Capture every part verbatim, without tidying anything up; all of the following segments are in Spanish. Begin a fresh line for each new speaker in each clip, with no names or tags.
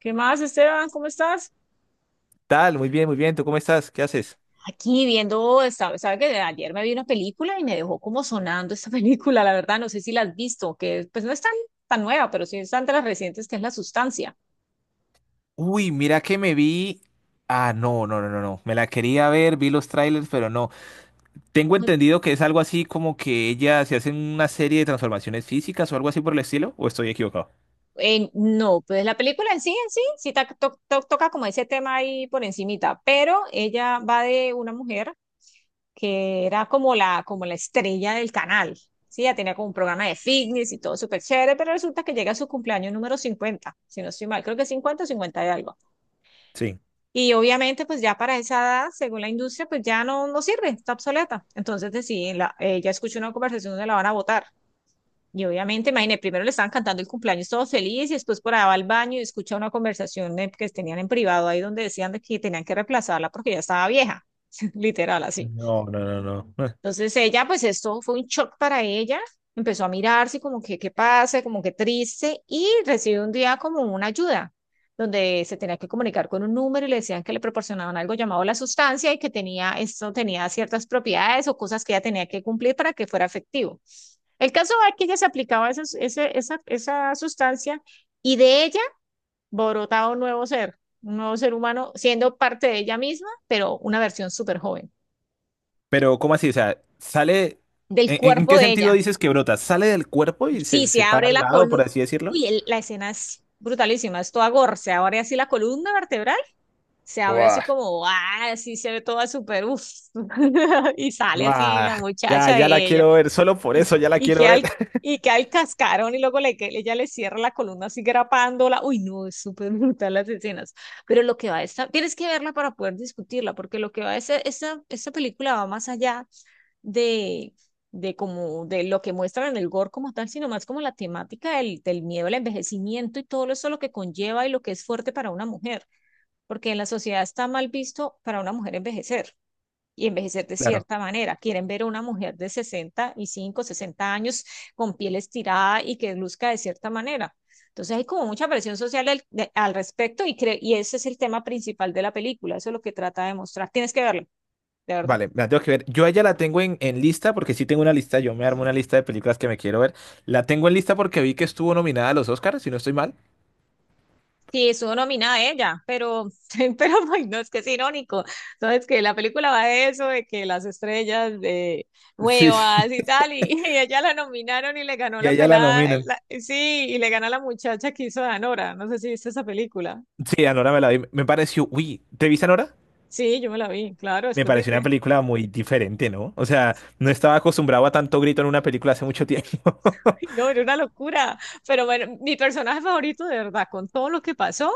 ¿Qué más, Esteban? ¿Cómo estás?
Tal, muy bien, muy bien. ¿Tú cómo estás? ¿Qué haces?
Aquí viendo, sabe, sabe que de ayer me vi una película y me dejó como sonando esta película, la verdad, no sé si la has visto, que pues no es tan, tan nueva, pero sí es tan de las recientes que es La Sustancia.
Uy, mira que me vi. Ah, no, no, no, no, no. Me la quería ver, vi los trailers, pero no. Tengo entendido que es algo así como que ella se hace una serie de transformaciones físicas o algo así por el estilo, ¿o estoy equivocado?
Eh, no, pues la película en sí, en sí, sí ta- to- to- toca como ese tema ahí por encimita, pero ella va de una mujer que era como la, como la estrella del canal, sí, ella tenía como un programa de fitness y todo súper chévere, pero resulta que llega a su cumpleaños número cincuenta, si no estoy mal, creo que cincuenta o cincuenta de algo.
Sí.
Y obviamente, pues ya para esa edad, según la industria, pues ya no, no sirve, está obsoleta. Entonces deciden, la, ella escuchó una conversación donde la van a votar. Y obviamente, imagínate, primero le estaban cantando el cumpleaños todos felices y después por allá va al baño y escucha una conversación eh, que tenían en privado ahí donde decían de que tenían que reemplazarla porque ya estaba vieja, literal así.
No, no, no, no. Eh,
Entonces ella, pues esto fue un shock para ella, empezó a mirarse como que qué pasa, como que triste, y recibió un día como una ayuda, donde se tenía que comunicar con un número y le decían que le proporcionaban algo llamado la sustancia y que tenía, esto tenía ciertas propiedades o cosas que ella tenía que cumplir para que fuera efectivo. El caso es que ella se aplicaba esas- ese- esa, esa sustancia y de ella borotaba un nuevo ser, un nuevo ser humano, siendo parte de ella misma, pero una versión súper joven
Pero, ¿cómo así? O sea, sale.
del
¿En, en
cuerpo
qué
de ella.
sentido dices que brota? ¿Sale del cuerpo y
Sí,
se,
se
se para
abre
al
la
lado, por
columna.
así decirlo?
Uy, el- la escena es brutalísima, es toda gore. Se abre así la columna vertebral, se abre así
Buah,
como, ah, así se ve toda súper, uff. Y sale así
buah,
la
ya,
muchacha
ya la
de ella.
quiero ver. Solo por
Y,
eso ya la
y
quiero
queda
ver.
el, y queda el cascarón y luego le, que- ella le cierra la columna así grapándola. Uy, no, es súper brutal las escenas. Pero lo que va a estar, tienes que verla para poder discutirla, porque lo que va a ser, esta, esta película va más allá de, de como de lo que muestran en el gore como tal, sino más como la temática del, del miedo al envejecimiento y todo eso lo que conlleva y lo que es fuerte para una mujer, porque en la sociedad está mal visto para una mujer envejecer. Y envejecer de
Claro.
cierta manera. Quieren ver a una mujer de sesenta y cinco sesenta años con piel estirada y que luzca de cierta manera. Entonces hay como mucha presión social al, de- al respecto y, cre- y ese es el tema principal de la película, eso es lo que trata de mostrar. Tienes que verlo, de verdad.
Vale, me la tengo que ver. Yo a ella la tengo en, en lista porque sí tengo una lista. Yo me armo una lista de películas que me quiero ver. La tengo en lista porque vi que estuvo nominada a los Oscars, si no estoy mal.
Sí, estuvo nominada ella, pero, pero ay, no, es que es irónico. Entonces, que la película va de eso, de que las estrellas de
Sí, sí.
nuevas y tal, y, y ella la nominaron y le ganó
Y a
la
ella la
pelada, eh,
nominan.
la- sí, y le gana la muchacha que hizo de Anora. No sé si viste esa película.
Sí, Anora me la vi. Me pareció, uy, ¿te viste Anora?
Sí, yo me la vi, claro,
Me
después de
pareció una
que,
película muy diferente, ¿no? O sea, no estaba acostumbrado a tanto grito en una película hace mucho tiempo.
no, era una locura. Pero bueno, mi personaje favorito, de verdad, con todo lo que pasó,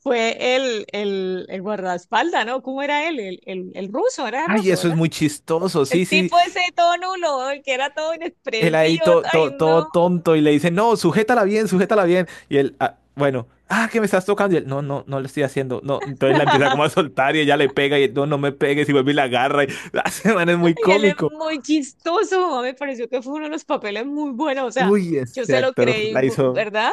fue el, el, el guardaespaldas, ¿no? ¿Cómo era él? El, el, el ruso, era
Ay,
ruso,
eso es
¿verdad?
muy chistoso.
El
Sí, sí.
tipo ese todo nulo, el que era todo
Él ahí
inexpresivo,
to-
ay
to- todo
no.
tonto y le dice, no, sujétala bien, sujétala bien. Y él, "Ah, bueno, ah, que me estás tocando". Y él, no, no, no le estoy haciendo. No, entonces la empieza como a soltar y ella le pega y él, no, no me pegues, y vuelve y la agarra. Y la semana es muy
Y él es
cómico.
muy chistoso, me pareció que fue uno de los papeles muy buenos, o sea,
Uy,
yo
ese
se lo
actor
creí,
la
mu-
hizo,
¿verdad?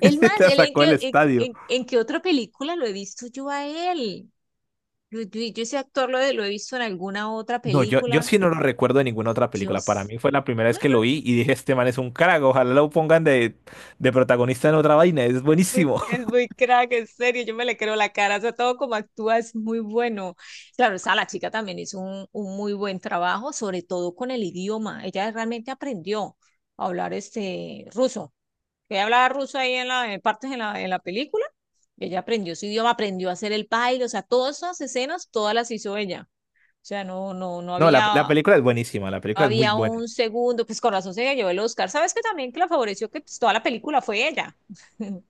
El más,
la
él en
sacó
qué,
del
en,
estadio.
en- en qué otra película lo he visto yo a él. Yo, yo- yo ese actor lo, he- lo he visto en alguna otra
No, yo, yo
película.
sí no lo recuerdo de ninguna otra película. Para
Dios,
mí fue la primera vez que lo vi y dije, este man es un crack, ojalá lo pongan de, de protagonista en otra vaina, es
muy-
buenísimo.
es muy crack, en serio, yo me le creo la cara, o sea, todo como actúa es muy bueno. Claro, o sea, la chica también hizo un, un muy buen trabajo, sobre todo con el idioma. Ella realmente aprendió a hablar este ruso. Ella hablaba ruso ahí en la, en partes en la, en la película. Y ella aprendió su idioma, aprendió a hacer el baile, o sea, todas esas escenas, todas las hizo ella. O sea, no, no, no
No, la, la
había
película es buenísima, la película es muy
había
buena.
un segundo, pues con razón se llevó el Oscar. ¿Sabes que también que la favoreció que pues, toda la película fue ella?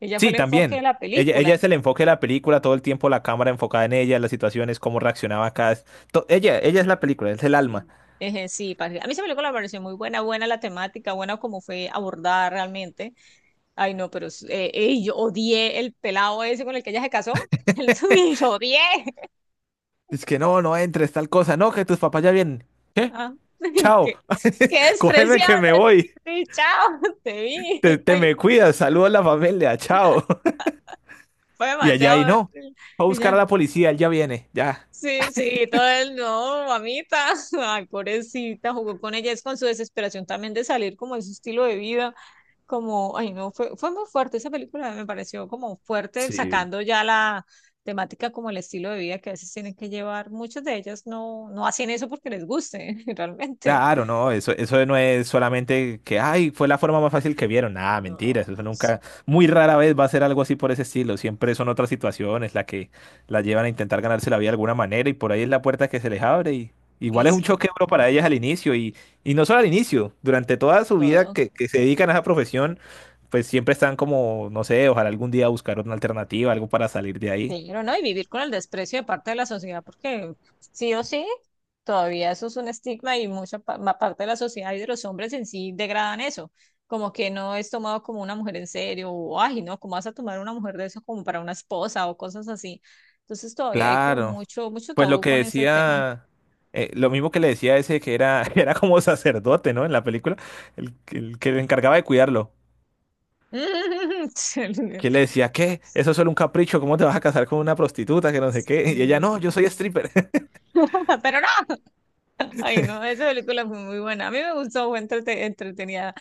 Ella fue
Sí,
el enfoque de
también.
la
Ella, ella
película.
es el enfoque de la película, todo el tiempo la cámara enfocada en ella, las situaciones, cómo reaccionaba cada... to- Ella, ella es la película, es el alma.
Sí, Eje, sí, parce, a mí esa película me pareció muy buena, buena la temática, buena como fue abordada realmente. Ay, no, pero es- eh, ey, yo odié el pelado ese con el que ella se casó. El suyo, lo odié.
Es que no, no entres, tal cosa. No, que tus papás ya vienen. ¿Qué?
Ah, qué,
Chao.
qué
Cógeme que me
despreciable.
voy.
Sí, sí, chao, te vi.
Te, te
Ay,
me cuidas, saluda a la familia, chao.
fue
Y allá y
demasiado
no.
horrible.
Va a buscar a la policía, él ya viene, ya.
Sí, sí, todo el no, mamita. Ay, pobrecita, jugó con ella. Es con su desesperación también de salir como de su estilo de vida. Como, ay, no, fue, fue muy fuerte esa película. Me pareció como fuerte,
Sí,
sacando ya la temática como el estilo de vida que a veces tienen que llevar. Muchas de ellas no, no hacen eso porque les guste, realmente.
claro, no, eso, eso no es solamente que, ay, fue la forma más fácil que vieron. Nada,
No,
mentira, eso nunca,
sí,
muy rara vez va a ser algo así por ese estilo. Siempre son otras situaciones las que las llevan a intentar ganarse la vida de alguna manera y por ahí es la puerta que se les abre. Y
y
igual es un
sí,
choque duro para ellas al inicio y, y, no solo al inicio, durante toda su vida
todo.
que, que se dedican a esa profesión, pues siempre están como, no sé, ojalá algún día buscar una alternativa, algo para salir de ahí.
Pero no, y vivir con el desprecio de parte de la sociedad, porque sí o sí, todavía eso es un estigma y mucha pa- ma- parte de la sociedad y de los hombres en sí degradan eso, como que no es tomado como una mujer en serio, o ay, no, ¿cómo vas a tomar una mujer de eso como para una esposa o cosas así? Entonces todavía hay como
Claro.
mucho, mucho
Pues lo
tabú
que
con ese tema.
decía, eh, lo mismo que le decía ese que era, era como sacerdote, ¿no? En la película, el, el que le encargaba de cuidarlo.
Sí.
Que le decía, ¿qué? Eso es solo un capricho, ¿cómo te vas a casar con una prostituta que no sé qué? Y ella, no, yo soy stripper.
Pero no, ay no, esa película fue muy buena, a mí me gustó, fue entrete- entretenida.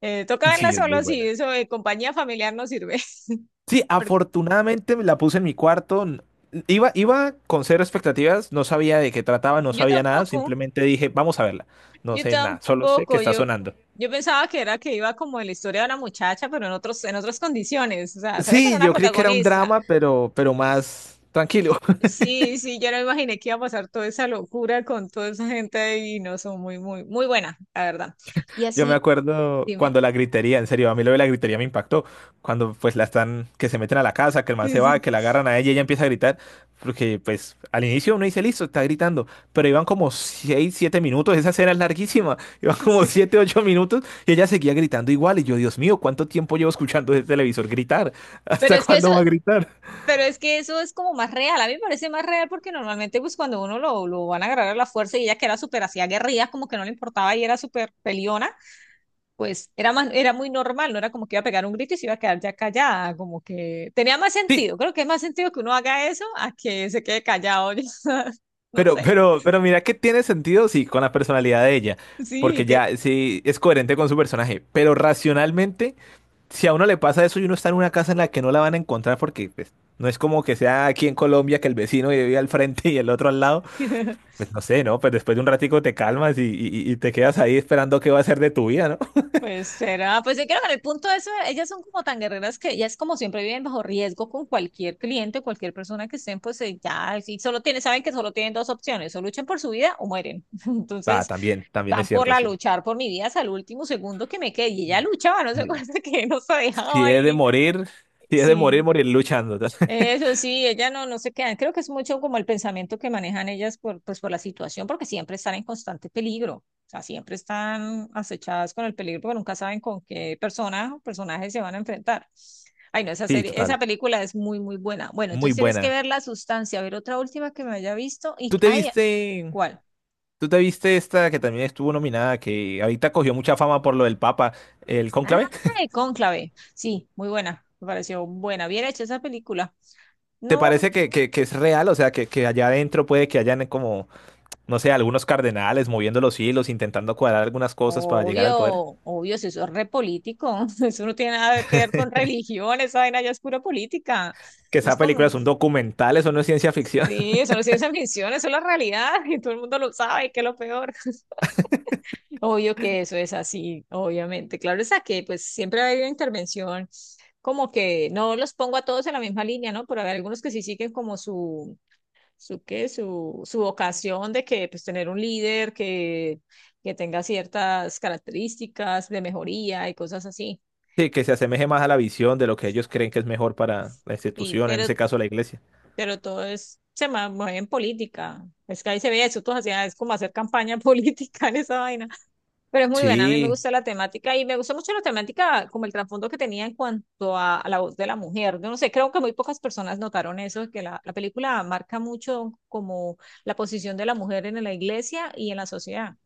Eh, toca verla
Sí, es muy
solo si
buena.
eso de compañía familiar no sirve.
Sí,
Porque
afortunadamente me la puse en mi cuarto. n- Iba, iba con cero expectativas, no sabía de qué trataba, no
yo
sabía nada,
tampoco,
simplemente dije, vamos a verla. No
yo
sé nada, solo sé que
tampoco,
está
yo,
sonando.
yo pensaba que era que iba como en la historia de una muchacha, pero en otros, en otras condiciones, o sea, sabía que era
Sí,
una
yo creí que era un
protagonista.
drama, pero, pero más tranquilo.
Sí, sí, yo no imaginé que iba a pasar toda esa locura con toda esa gente y no son muy, muy, muy buena, la verdad. Y
Yo me
así,
acuerdo
dime.
cuando la gritería, en serio, a mí lo de la gritería me impactó. Cuando pues la están, que se meten a la casa, que el man se
Sí, sí,
va, que la agarran a ella y ella empieza a gritar. Porque pues al inicio uno dice, listo, está gritando. Pero iban como seis, siete minutos, esa escena es larguísima. Iban como
sí.
siete, ocho minutos y ella seguía gritando igual. Y yo, Dios mío, ¿cuánto tiempo llevo escuchando ese televisor gritar?
Pero
¿Hasta
es que eso,
cuándo va a gritar?
pero es que eso es como más real, a mí me parece más real porque normalmente pues cuando uno lo, lo van a agarrar a la fuerza y ella que era súper hacía guerrillas, como que no le importaba y era súper peliona pues era más, era muy normal, no era como que iba a pegar un grito y se iba a quedar ya callada, como que tenía más
Sí,
sentido, creo que es más sentido que uno haga eso a que se quede callado, yo no
pero,
sé,
pero, pero mira que tiene sentido, sí, con la personalidad de ella.
sí,
Porque
que...
ya sí es coherente con su personaje. Pero racionalmente, si a uno le pasa eso y uno está en una casa en la que no la van a encontrar porque pues no es como que sea aquí en Colombia, que el vecino vive al frente y el otro al lado, pues no sé, ¿no? Pues después de un ratico te calmas y, y- y te quedas ahí esperando qué va a ser de tu vida, ¿no?
Pues será, pues yo creo que en el punto de eso, ellas son como tan guerreras que ellas como siempre viven bajo riesgo con cualquier cliente, cualquier persona que estén, pues eh, ya, si solo tienen, saben que solo tienen dos opciones, o luchan por su vida o mueren.
Ah,
Entonces,
también, también es
van por
cierto,
la
sí.
luchar por mi vida hasta el último segundo que me quede. Y ella luchaba, no se
Sí.
acuerda que no se dejaba
Si es de
ahí.
morir, si es de
Sí,
morir, morir luchando.
eso sí, ella no, no se queda. Creo que es mucho como el pensamiento que manejan ellas por, pues, por la situación, porque siempre están en constante peligro. O sea, siempre están acechadas con el peligro, porque nunca saben con qué persona o personaje se van a enfrentar. Ay, no, esa
Sí,
serie, esa
total.
película es muy, muy buena. Bueno,
Muy
entonces tienes que
buena.
ver La Sustancia, a ver otra última que me haya visto y,
¿Tú te
ay,
viste,
¿cuál?
tú te viste esta que también estuvo nominada, que ahorita cogió mucha fama por lo del Papa, el
Ah,
cónclave?
Cónclave. Sí, muy buena. Me pareció buena, bien hecha esa película.
¿Te
No,
parece que, que- que es real? O sea, que, que allá adentro puede que hayan como, no sé, algunos cardenales moviendo los hilos, intentando cuadrar algunas cosas para llegar al poder.
obvio, obvio, si eso es re político, eso no tiene nada que ver con religión, esa vaina ya es pura política.
Que
No
esa
es como,
película es un documental, eso no es ciencia ficción.
sí, eso no es ciencia ficción, eso es la realidad y todo el mundo lo sabe, que es lo peor. Obvio que eso es así, obviamente. Claro, es que pues siempre va a haber una intervención, como que no los pongo a todos en la misma línea, ¿no? Pero hay algunos que sí siguen como su, su qué, su, su vocación de que pues tener un líder que, que tenga ciertas características de mejoría y cosas así.
Sí, que se asemeje más a la visión de lo que ellos creen que es mejor para la
Sí,
institución, en
pero,
ese caso la iglesia.
pero todo es, se ma- mueve en política. Es que ahí se ve eso, tú hacías, es como hacer campaña política en esa vaina. Pero es muy buena, a mí me
Sí,
gusta la temática y me gustó mucho la temática, como el trasfondo que tenía en cuanto a, a la voz de la mujer. Yo no sé, creo que muy pocas personas notaron eso, que la, la película marca mucho como la posición de la mujer en la iglesia y en la sociedad.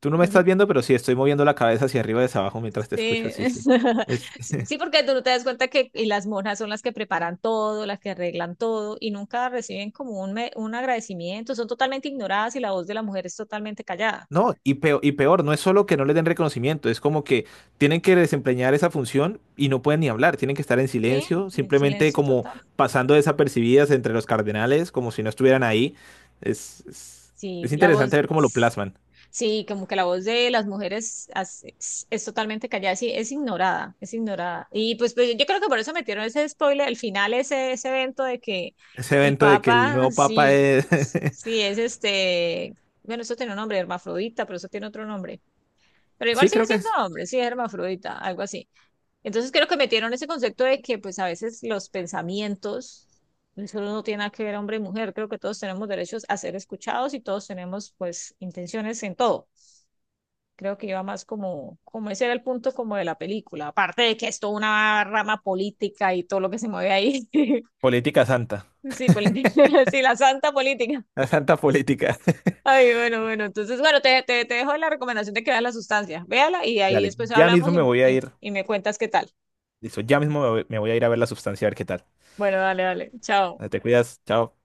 tú no me estás viendo, pero sí estoy moviendo la cabeza hacia arriba y hacia abajo mientras te escucho.
Sí.
Sí, sí. Es,
Sí, sí, porque tú no te das cuenta que y las monjas son las que preparan todo, las que arreglan todo y nunca reciben como un, me- un agradecimiento, son totalmente ignoradas y la voz de la mujer es totalmente callada.
No, y peor, y peor, no es solo que no le den reconocimiento, es como que tienen que desempeñar esa función y no pueden ni hablar, tienen que estar en
Sí,
silencio,
en
simplemente
silencio
como
total.
pasando desapercibidas entre los cardenales, como si no estuvieran ahí. Es, es,
Sí,
es
la
interesante
voz.
ver cómo lo plasman.
Sí, como que la voz de las mujeres as- es, es totalmente callada, sí, es ignorada, es ignorada. Y pues, pues, yo creo que por eso metieron ese spoiler, el final, ese, ese evento de que
Ese
el
evento de que el
Papa,
nuevo papa
sí,
es...
sí, es este, bueno, eso tiene un nombre, hermafrodita, pero eso tiene otro nombre. Pero igual
Sí,
sigue
creo que
siendo
es
hombre, sí, es hermafrodita, algo así. Entonces creo que metieron ese concepto de que pues a veces los pensamientos, eso no tiene nada que ver hombre y mujer, creo que todos tenemos derechos a ser escuchados y todos tenemos pues intenciones en todo. Creo que iba más como, como ese era el punto como de la película, aparte de que es toda una rama política y todo lo que se mueve ahí.
política santa,
Sí, política, sí, la santa política.
la santa política.
Ay, bueno, bueno, entonces, bueno, te, te, te dejo la recomendación de que veas la sustancia. Véala y ahí
Dale,
después
ya mismo
hablamos y,
me voy a
y,
ir,
y me cuentas qué tal.
listo, ya mismo me voy me voy a ir a ver la sustancia, a ver qué tal.
Bueno, dale, dale. Chao.
Te cuidas, chao.